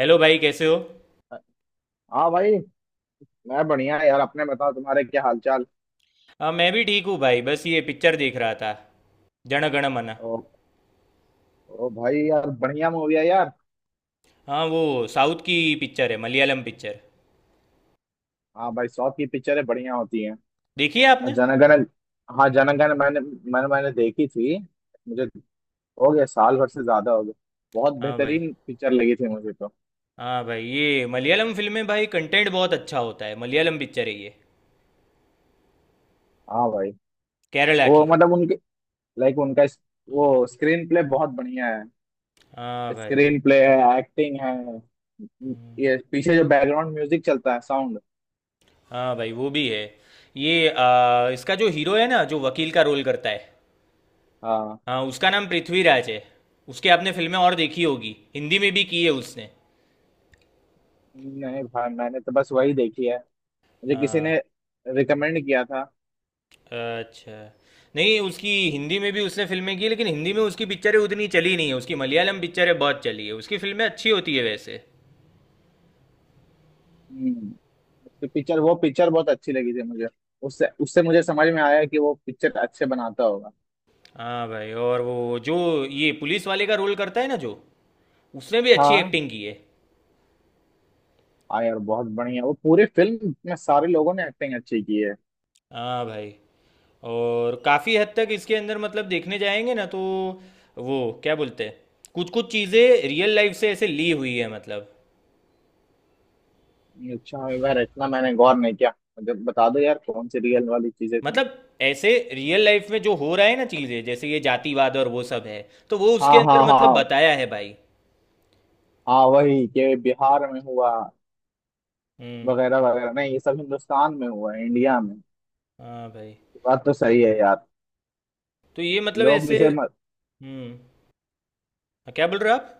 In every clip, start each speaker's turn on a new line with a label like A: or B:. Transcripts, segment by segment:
A: Hello भाई, कैसे हो।
B: हाँ भाई। मैं बढ़िया यार, अपने बताओ, तुम्हारे क्या हाल चाल।
A: हाँ, मैं भी ठीक हूँ भाई, बस ये पिक्चर देख रहा था, जन गण मन।
B: ओ, ओ भाई यार बढ़िया मूवी है यार।
A: हाँ वो साउथ की पिक्चर है, मलयालम पिक्चर।
B: हाँ भाई, साउथ की पिक्चरें बढ़िया होती हैं।
A: देखी है
B: और
A: आपने।
B: जनगण हाँ जनगण, मैंने मैंने मैंने देखी थी। मुझे हो गया, साल भर से ज्यादा हो गया। बहुत
A: हाँ भाई।
B: बेहतरीन पिक्चर लगी थी मुझे तो।
A: हाँ भाई, ये मलयालम फिल्म में भाई कंटेंट बहुत अच्छा होता है। मलयालम पिक्चर है ये,
B: हाँ भाई,
A: केरला
B: वो
A: की।
B: मतलब उनके, लाइक उनका वो स्क्रीन प्ले बहुत बढ़िया है।
A: हाँ भाई।
B: स्क्रीन प्ले है, एक्टिंग है, ये पीछे जो बैकग्राउंड म्यूजिक चलता है, साउंड।
A: हाँ भाई वो भी है। ये इसका जो हीरो है ना, जो वकील का रोल करता है,
B: हाँ।
A: हाँ उसका नाम पृथ्वीराज है। उसके आपने फिल्में और देखी होगी, हिंदी में भी की है उसने।
B: नहीं भाई, मैंने तो बस वही देखी है। मुझे किसी
A: हाँ।
B: ने रिकमेंड किया था।
A: अच्छा। नहीं, उसकी हिंदी में भी उसने फिल्में की लेकिन हिंदी में उसकी पिक्चरें उतनी चली नहीं है, उसकी मलयालम पिक्चरें बहुत चली है। उसकी फिल्में अच्छी होती है वैसे।
B: हम्म। उसकी पिक्चर, वो पिक्चर बहुत अच्छी लगी थी मुझे। उससे उससे मुझे समझ में आया कि वो पिक्चर अच्छे बनाता होगा।
A: हाँ भाई। और वो जो ये पुलिस वाले का रोल करता है ना जो, उसने भी अच्छी
B: हाँ।
A: एक्टिंग की है।
B: हाँ यार, बहुत बढ़िया, वो पूरी फिल्म में सारे लोगों ने एक्टिंग अच्छी की है।
A: हाँ भाई। और काफ़ी हद तक इसके अंदर मतलब, देखने जाएंगे ना तो वो क्या बोलते हैं, कुछ कुछ चीज़ें रियल लाइफ से ऐसे ली हुई है मतलब।
B: अच्छा यार, इतना मैंने गौर नहीं किया। मुझे बता दो यार कौन सी रियल वाली चीजें थी।
A: मतलब ऐसे रियल लाइफ में जो हो रहा है ना, चीज़ें जैसे ये जातिवाद और वो सब है, तो वो
B: हाँ
A: उसके अंदर
B: हाँ
A: मतलब
B: हाँ।
A: बताया है भाई।
B: हाँ, वही कि बिहार में हुआ
A: हम्म।
B: वगैरह वगैरह, नहीं ये सब हिंदुस्तान में हुआ है, इंडिया में।
A: हाँ भाई।
B: बात तो सही है यार।
A: तो ये मतलब
B: लोग
A: ऐसे।
B: इसे
A: हम्म। हाँ, क्या बोल रहे हो आप।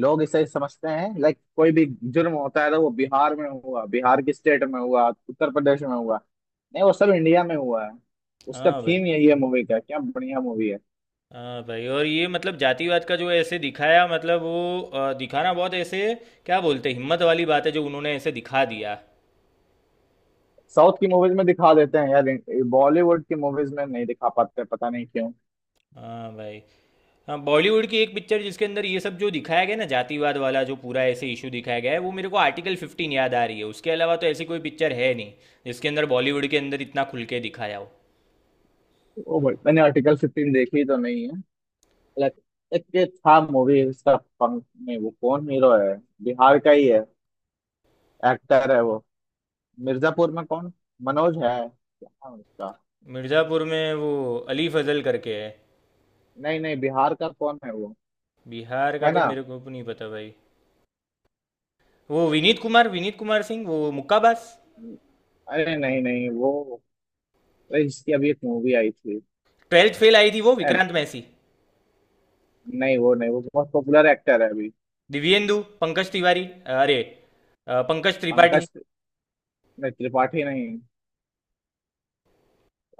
B: लोग इसे समझते हैं, लाइक कोई भी जुर्म होता है तो वो बिहार में हुआ, बिहार की स्टेट में हुआ, उत्तर प्रदेश में हुआ, नहीं, वो सब इंडिया में हुआ है। उसका
A: हाँ भाई।
B: थीम यही है मूवी का, क्या बढ़िया मूवी है।
A: हाँ भाई, और ये मतलब जातिवाद का जो ऐसे दिखाया, मतलब वो दिखाना बहुत ऐसे, क्या बोलते हैं, हिम्मत वाली बात है जो उन्होंने ऐसे दिखा दिया।
B: साउथ की मूवीज में दिखा देते हैं यार, बॉलीवुड की मूवीज में नहीं दिखा पाते, पता नहीं क्यों।
A: हाँ भाई। हाँ, बॉलीवुड की एक पिक्चर जिसके अंदर ये सब जो दिखाया गया ना, जातिवाद वाला जो पूरा ऐसे इशू दिखाया गया है, वो मेरे को आर्टिकल फिफ्टीन याद आ रही है। उसके अलावा तो ऐसी कोई पिक्चर है नहीं जिसके अंदर, बॉलीवुड के अंदर, इतना खुल के दिखाया हो।
B: ओ भाई, मैंने आर्टिकल 15 देखी तो नहीं है। लाइक एक ये था मूवी, इसका पंख में वो कौन हीरो है, बिहार का ही है, एक्टर है वो। मिर्जापुर में कौन, मनोज है, क्या नाम है उसका?
A: मिर्ज़ापुर में वो अली फजल करके है।
B: नहीं नहीं, बिहार का कौन है वो?
A: बिहार का
B: है
A: तो
B: ना?
A: मेरे को नहीं पता भाई। वो विनीत कुमार, विनीत कुमार सिंह, वो मुक्काबाज।
B: अरे नहीं नहीं, वो, अरे इसकी अभी एक मूवी आई थी।
A: ट्वेल्थ फेल आई थी वो,
B: अरे,
A: विक्रांत मैसी।
B: नहीं वो नहीं, वो बहुत पॉपुलर एक्टर है अभी।
A: दिव्येंदु, पंकज तिवारी, अरे, पंकज त्रिपाठी।
B: पंकज, नहीं, त्रिपाठी नहीं।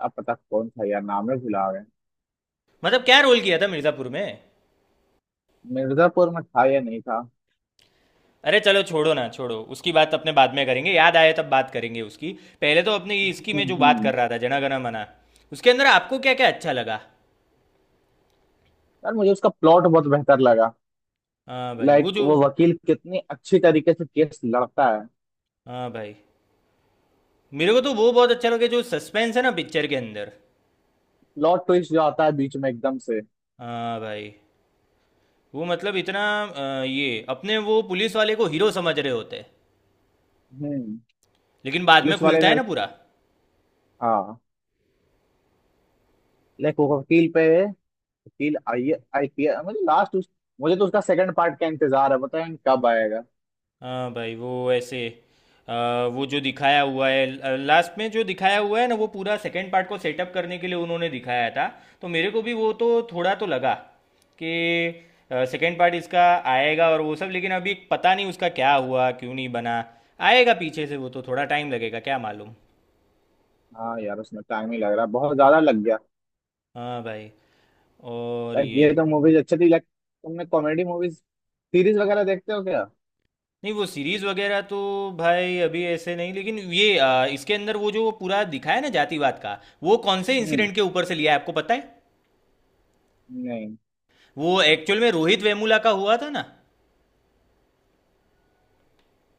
B: अब पता कौन था यार, नाम में भुला गए।
A: मतलब क्या रोल किया था मिर्ज़ापुर में।
B: मिर्जापुर में था या नहीं था।
A: अरे चलो छोड़ो ना, छोड़ो उसकी बात, अपने बाद में करेंगे, याद आए तब बात करेंगे उसकी। पहले तो अपने इसकी में जो
B: हम्म।
A: बात
B: हम्म।
A: कर रहा था, जना गना मना, उसके अंदर आपको क्या क्या अच्छा लगा।
B: यार मुझे उसका प्लॉट बहुत बेहतर लगा।
A: हाँ भाई वो
B: लाइक
A: जो,
B: वो वकील कितनी अच्छी तरीके से केस लड़ता है।
A: हाँ भाई, मेरे को तो वो बहुत अच्छा लगा जो सस्पेंस है ना पिक्चर के अंदर।
B: प्लॉट ट्विस्ट जो आता है बीच में एकदम से।
A: हाँ भाई। वो मतलब इतना ये अपने वो पुलिस वाले को हीरो समझ रहे होते हैं,
B: हम्म।
A: लेकिन बाद में
B: पुलिस वाले
A: खुलता है
B: ने,
A: ना पूरा।
B: हाँ, लाइक वो वकील पे, वकील, आई आईपीएस, मुझे लास्ट। मुझे तो उसका सेकंड पार्ट का इंतजार है, बताएं कब आएगा।
A: हाँ भाई। वो ऐसे, अ, वो जो दिखाया हुआ है लास्ट में, जो दिखाया हुआ है ना, वो पूरा सेकंड पार्ट को सेटअप करने के लिए उन्होंने दिखाया था। तो मेरे को भी वो तो थोड़ा तो लगा कि सेकंड पार्ट इसका आएगा और वो सब, लेकिन अभी पता नहीं उसका क्या हुआ, क्यों नहीं बना, आएगा पीछे से वो, तो थोड़ा टाइम लगेगा, क्या मालूम।
B: हाँ यार, उसमें टाइम ही लग रहा है, बहुत ज्यादा लग गया।
A: हाँ भाई। और
B: लाइक
A: ये
B: ये तो मूवीज अच्छी थी, लाइक तुमने कॉमेडी मूवीज, सीरीज वगैरह देखते हो क्या?
A: नहीं, वो सीरीज वगैरह तो भाई अभी ऐसे नहीं। लेकिन ये इसके अंदर वो जो पूरा दिखाया ना, जातिवाद का, वो कौन से
B: हम्म।
A: इंसिडेंट के ऊपर से लिया है आपको पता है।
B: नहीं।
A: वो एक्चुअल में रोहित वेमुला का हुआ था ना।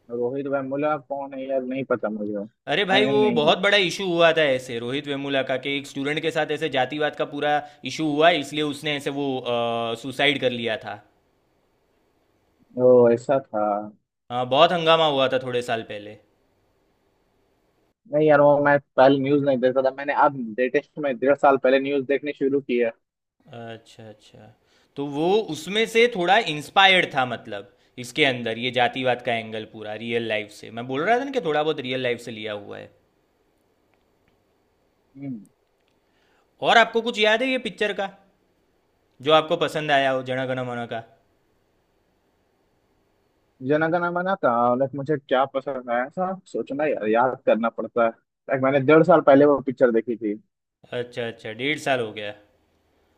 B: रोहित वेमुला कौन है यार, नहीं पता मुझे।
A: अरे भाई,
B: मैंने
A: वो
B: नहीं।
A: बहुत बड़ा इशू हुआ था ऐसे, रोहित वेमुला का कि एक स्टूडेंट के साथ ऐसे जातिवाद का पूरा इशू हुआ, इसलिए उसने ऐसे वो सुसाइड कर लिया था।
B: वो ऐसा था?
A: हाँ, बहुत हंगामा हुआ था थोड़े साल पहले।
B: नहीं यार, वो मैं पहले न्यूज नहीं देखता था, मैंने अब लेटेस्ट में 1.5 साल पहले न्यूज देखनी शुरू की है।
A: अच्छा अच्छा। तो वो उसमें से थोड़ा इंस्पायर्ड था मतलब, इसके अंदर ये जातिवाद का एंगल पूरा रियल लाइफ से। मैं बोल रहा था ना कि थोड़ा बहुत रियल लाइफ से लिया हुआ है।
B: हम्म।
A: और आपको कुछ याद है ये पिक्चर का जो आपको पसंद आया हो, जन गण मन का।
B: जनगण मना था। लाइक मुझे क्या पसंद आया था, सोचना यार, याद करना पड़ता है, लाइक मैंने 1.5 साल पहले वो पिक्चर देखी थी।
A: अच्छा अच्छा, 1.5 साल हो गया।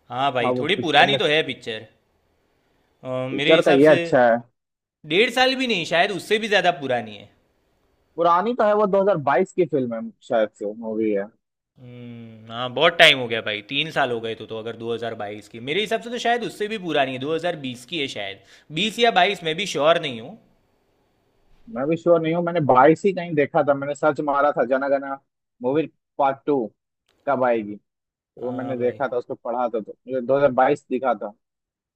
A: हाँ भाई,
B: हाँ, वो
A: थोड़ी
B: पिक्चर
A: पुरानी
B: में,
A: तो है पिक्चर। मेरे
B: पिक्चर का
A: हिसाब
B: ये
A: से
B: अच्छा है।
A: 1.5 साल भी नहीं, शायद उससे भी ज़्यादा पुरानी है।
B: पुरानी तो है, वो 2022 की फिल्म है शायद से, मूवी है।
A: हाँ बहुत टाइम हो गया भाई, 3 साल हो गए तो अगर 2022 की, मेरे हिसाब से तो शायद उससे भी पुरानी है, 2020 की है शायद, 20 या 22, मैं भी श्योर नहीं हूँ।
B: मैं भी श्योर नहीं हूँ, मैंने 22 ही कहीं देखा था। मैंने सर्च मारा था, Jana Gana movie part two कब आएगी, तो वो
A: हाँ
B: मैंने
A: भाई।
B: देखा था, उसको पढ़ा था तो मुझे 2022 दिखा था।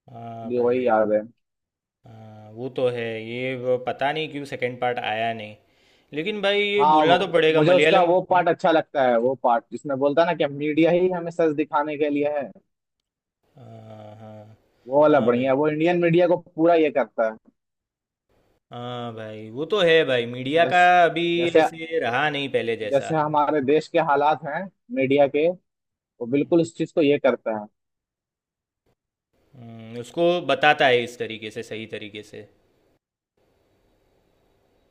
A: हाँ
B: मुझे वही
A: भाई।
B: याद है।
A: हाँ वो तो है, ये वो पता नहीं क्यों सेकंड पार्ट आया नहीं। लेकिन भाई ये बोलना तो पड़ेगा,
B: मुझे उसका
A: मलयालम।
B: वो
A: हम्म?
B: पार्ट अच्छा लगता है, वो पार्ट जिसमें बोलता है ना कि मीडिया ही हमें सच दिखाने के लिए है।
A: हाँ, हाँ।
B: वो वाला
A: हाँ
B: बढ़िया
A: भाई।
B: है, वो इंडियन मीडिया को पूरा ये करता है।
A: हाँ भाई वो तो है भाई, मीडिया का
B: जैस,
A: अभी
B: जैसे
A: ऐसे रहा नहीं पहले जैसा।
B: जैसे हमारे देश के हालात हैं, मीडिया के, वो बिल्कुल इस चीज को ये करता है।
A: उसको बताता है इस तरीके से, सही तरीके से।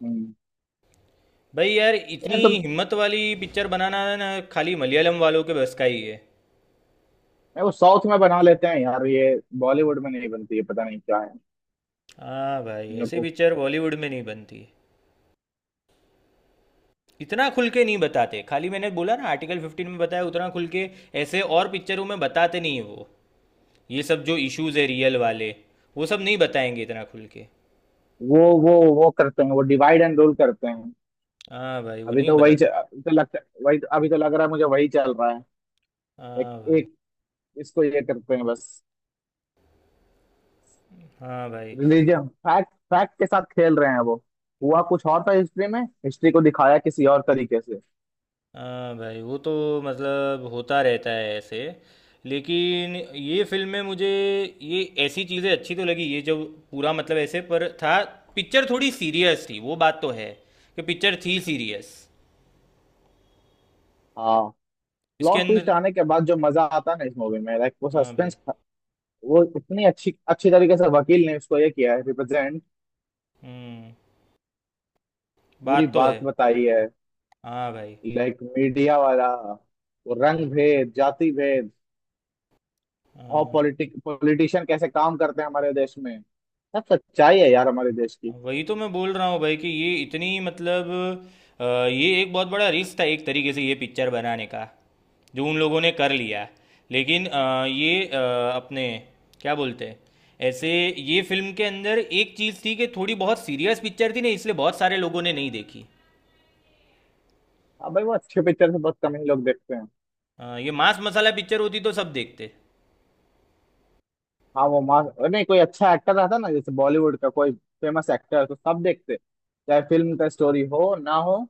B: हम्म।
A: भाई यार, इतनी
B: ये तो,
A: हिम्मत वाली पिक्चर बनाना ना, खाली मलयालम वालों के बस का ही है।
B: ये वो साउथ में बना लेते हैं यार, ये बॉलीवुड में नहीं बनती है, पता नहीं क्या है।
A: हाँ भाई,
B: इन लोग
A: ऐसे
B: को,
A: पिक्चर बॉलीवुड में नहीं बनती, इतना खुल के नहीं बताते। खाली मैंने बोला ना आर्टिकल फिफ्टीन में बताया उतना खुल के, ऐसे और पिक्चरों में बताते नहीं है वो। ये सब जो इश्यूज है रियल वाले, वो सब नहीं बताएंगे इतना खुल के।
B: वो वो वो करते हैं, वो डिवाइड एंड रूल करते हैं।
A: हाँ भाई, वो नहीं बताते।
B: अभी तो लगता, वही तो, अभी तो लग रहा है मुझे, वही चल रहा है। एक
A: हाँ भाई।
B: एक इसको ये करते हैं बस।
A: हाँ भाई।
B: रिलीजन, फैक्ट फैक्ट के साथ खेल रहे हैं वो। हुआ कुछ और था हिस्ट्री में, हिस्ट्री को दिखाया किसी और तरीके से।
A: हाँ भाई वो तो, मतलब होता रहता है ऐसे। लेकिन ये फिल्म में मुझे ये ऐसी चीज़ें अच्छी तो लगी, ये जो पूरा मतलब ऐसे पर था। पिक्चर थोड़ी सीरियस थी, वो बात तो है कि पिक्चर थी सीरियस।
B: हाँ।
A: इसके
B: प्लॉट ट्विस्ट
A: अंदर
B: आने के बाद जो मजा आता है ना इस मूवी में, लाइक वो
A: हाँ भाई।
B: सस्पेंस, वो इतनी अच्छी अच्छी तरीके से वकील ने उसको ये किया है, रिप्रेजेंट,
A: हम्म।
B: पूरी
A: बात तो है।
B: बात बताई है,
A: हाँ भाई।
B: लाइक मीडिया वाला, वो रंग भेद, जाति भेद, और
A: हाँ,
B: पॉलिटिक, पॉलिटिशियन कैसे काम करते हैं हमारे देश में। सब सच्चाई है यार, हमारे देश की।
A: वही तो मैं बोल रहा हूँ भाई कि ये इतनी मतलब, ये एक बहुत बड़ा रिस्क था एक तरीके से, ये पिक्चर बनाने का, जो उन लोगों ने कर लिया। लेकिन ये अपने क्या बोलते हैं, ऐसे, ये फिल्म के अंदर एक चीज़ थी कि थोड़ी बहुत सीरियस पिक्चर थी ना, इसलिए बहुत सारे लोगों ने नहीं देखी।
B: हाँ भाई, वो अच्छे पिक्चर से बहुत कम ही लोग देखते हैं।
A: ये मांस मसाला पिक्चर होती तो सब देखते।
B: हाँ वो मास, नहीं, कोई अच्छा एक्टर रहता ना, जैसे बॉलीवुड का कोई फेमस एक्टर, तो सब देखते, चाहे फिल्म का स्टोरी हो ना हो,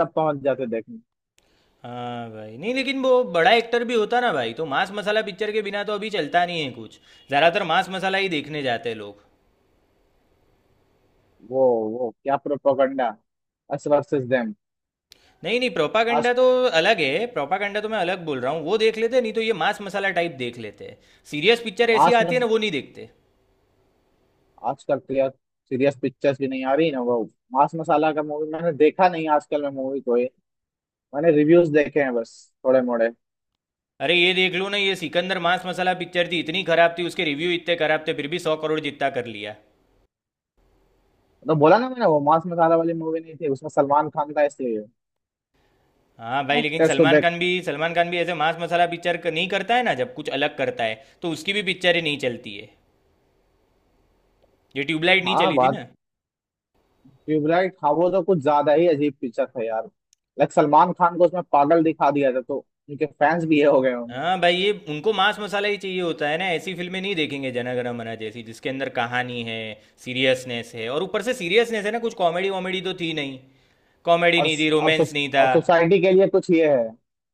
B: सब पहुंच जाते देखने।
A: हाँ भाई, नहीं लेकिन वो बड़ा एक्टर भी होता ना भाई, तो मांस मसाला पिक्चर के बिना तो अभी चलता नहीं है कुछ, ज़्यादातर मांस मसाला ही देखने जाते हैं लोग।
B: वो वो क्या, प्रोपोगंडा, अस वर्सेस देम।
A: नहीं नहीं, प्रोपागेंडा तो अलग है, प्रोपागेंडा तो मैं अलग बोल रहा हूँ, वो देख लेते, नहीं तो ये मांस मसाला टाइप देख लेते। सीरियस पिक्चर ऐसी
B: आज,
A: आती है ना, वो नहीं देखते।
B: आजकल तो यार, सीरियस पिक्चर्स भी नहीं आ रही ना, वो मांस मसाला का मूवी मैंने देखा नहीं, आजकल मैं मूवी कोई, मैंने रिव्यूज देखे हैं बस, थोड़े मोड़े।
A: अरे ये देख लो ना, ये सिकंदर मांस मसाला पिक्चर थी, इतनी खराब थी, उसके रिव्यू इतने खराब थे, फिर भी 100 करोड़ जितना कर लिया।
B: तो बोला ना मैंने, वो मांस मसाला वाली मूवी नहीं थी, उसमें सलमान खान था इसलिए।
A: हाँ भाई, लेकिन
B: एक्टर्स को
A: सलमान
B: देख।
A: खान भी, सलमान खान भी ऐसे मांस मसाला पिक्चर नहीं करता है ना, जब कुछ अलग करता है तो उसकी भी पिक्चरें नहीं चलती है। ये ट्यूबलाइट नहीं
B: हाँ
A: चली थी
B: बात,
A: ना।
B: ट्यूबलाइट, हाँ वो तो कुछ ज्यादा ही अजीब पिक्चर था यार। लाइक सलमान खान को उसमें पागल दिखा दिया था, तो उनके फैंस भी ये हो गए होंगे।
A: हाँ भाई, ये उनको मांस मसाला ही चाहिए होता है ना, ऐसी फिल्में नहीं देखेंगे, जना गण मना जैसी जिसके अंदर कहानी है, सीरियसनेस है। और ऊपर से सीरियसनेस है ना, कुछ कॉमेडी वॉमेडी तो थी नहीं, कॉमेडी
B: और,
A: नहीं थी, रोमांस नहीं था।
B: और सोसाइटी के लिए कुछ ये है,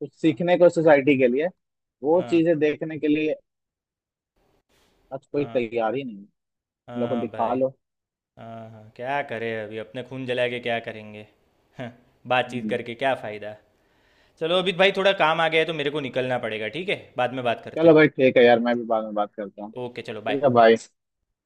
B: कुछ
A: हाँ।
B: सीखने को सोसाइटी के लिए, वो
A: हाँ।
B: चीजें देखने के लिए, आज कोई
A: हाँ।
B: तैयार ही नहीं। इन लोग को
A: हाँ
B: दिखा
A: भाई।
B: लो।
A: हाँ हाँ, क्या करें, अभी अपने खून जला के क्या करेंगे। हाँ, बातचीत
B: हम्म।
A: करके क्या फ़ायदा। चलो अभी भाई, थोड़ा काम आ गया है तो मेरे को निकलना पड़ेगा, ठीक है, बाद में बात
B: चलो
A: करते
B: भाई, ठीक है यार, मैं भी बाद में बात करता हूँ।
A: हैं। ओके, चलो
B: ठीक है
A: बाय।
B: भाई।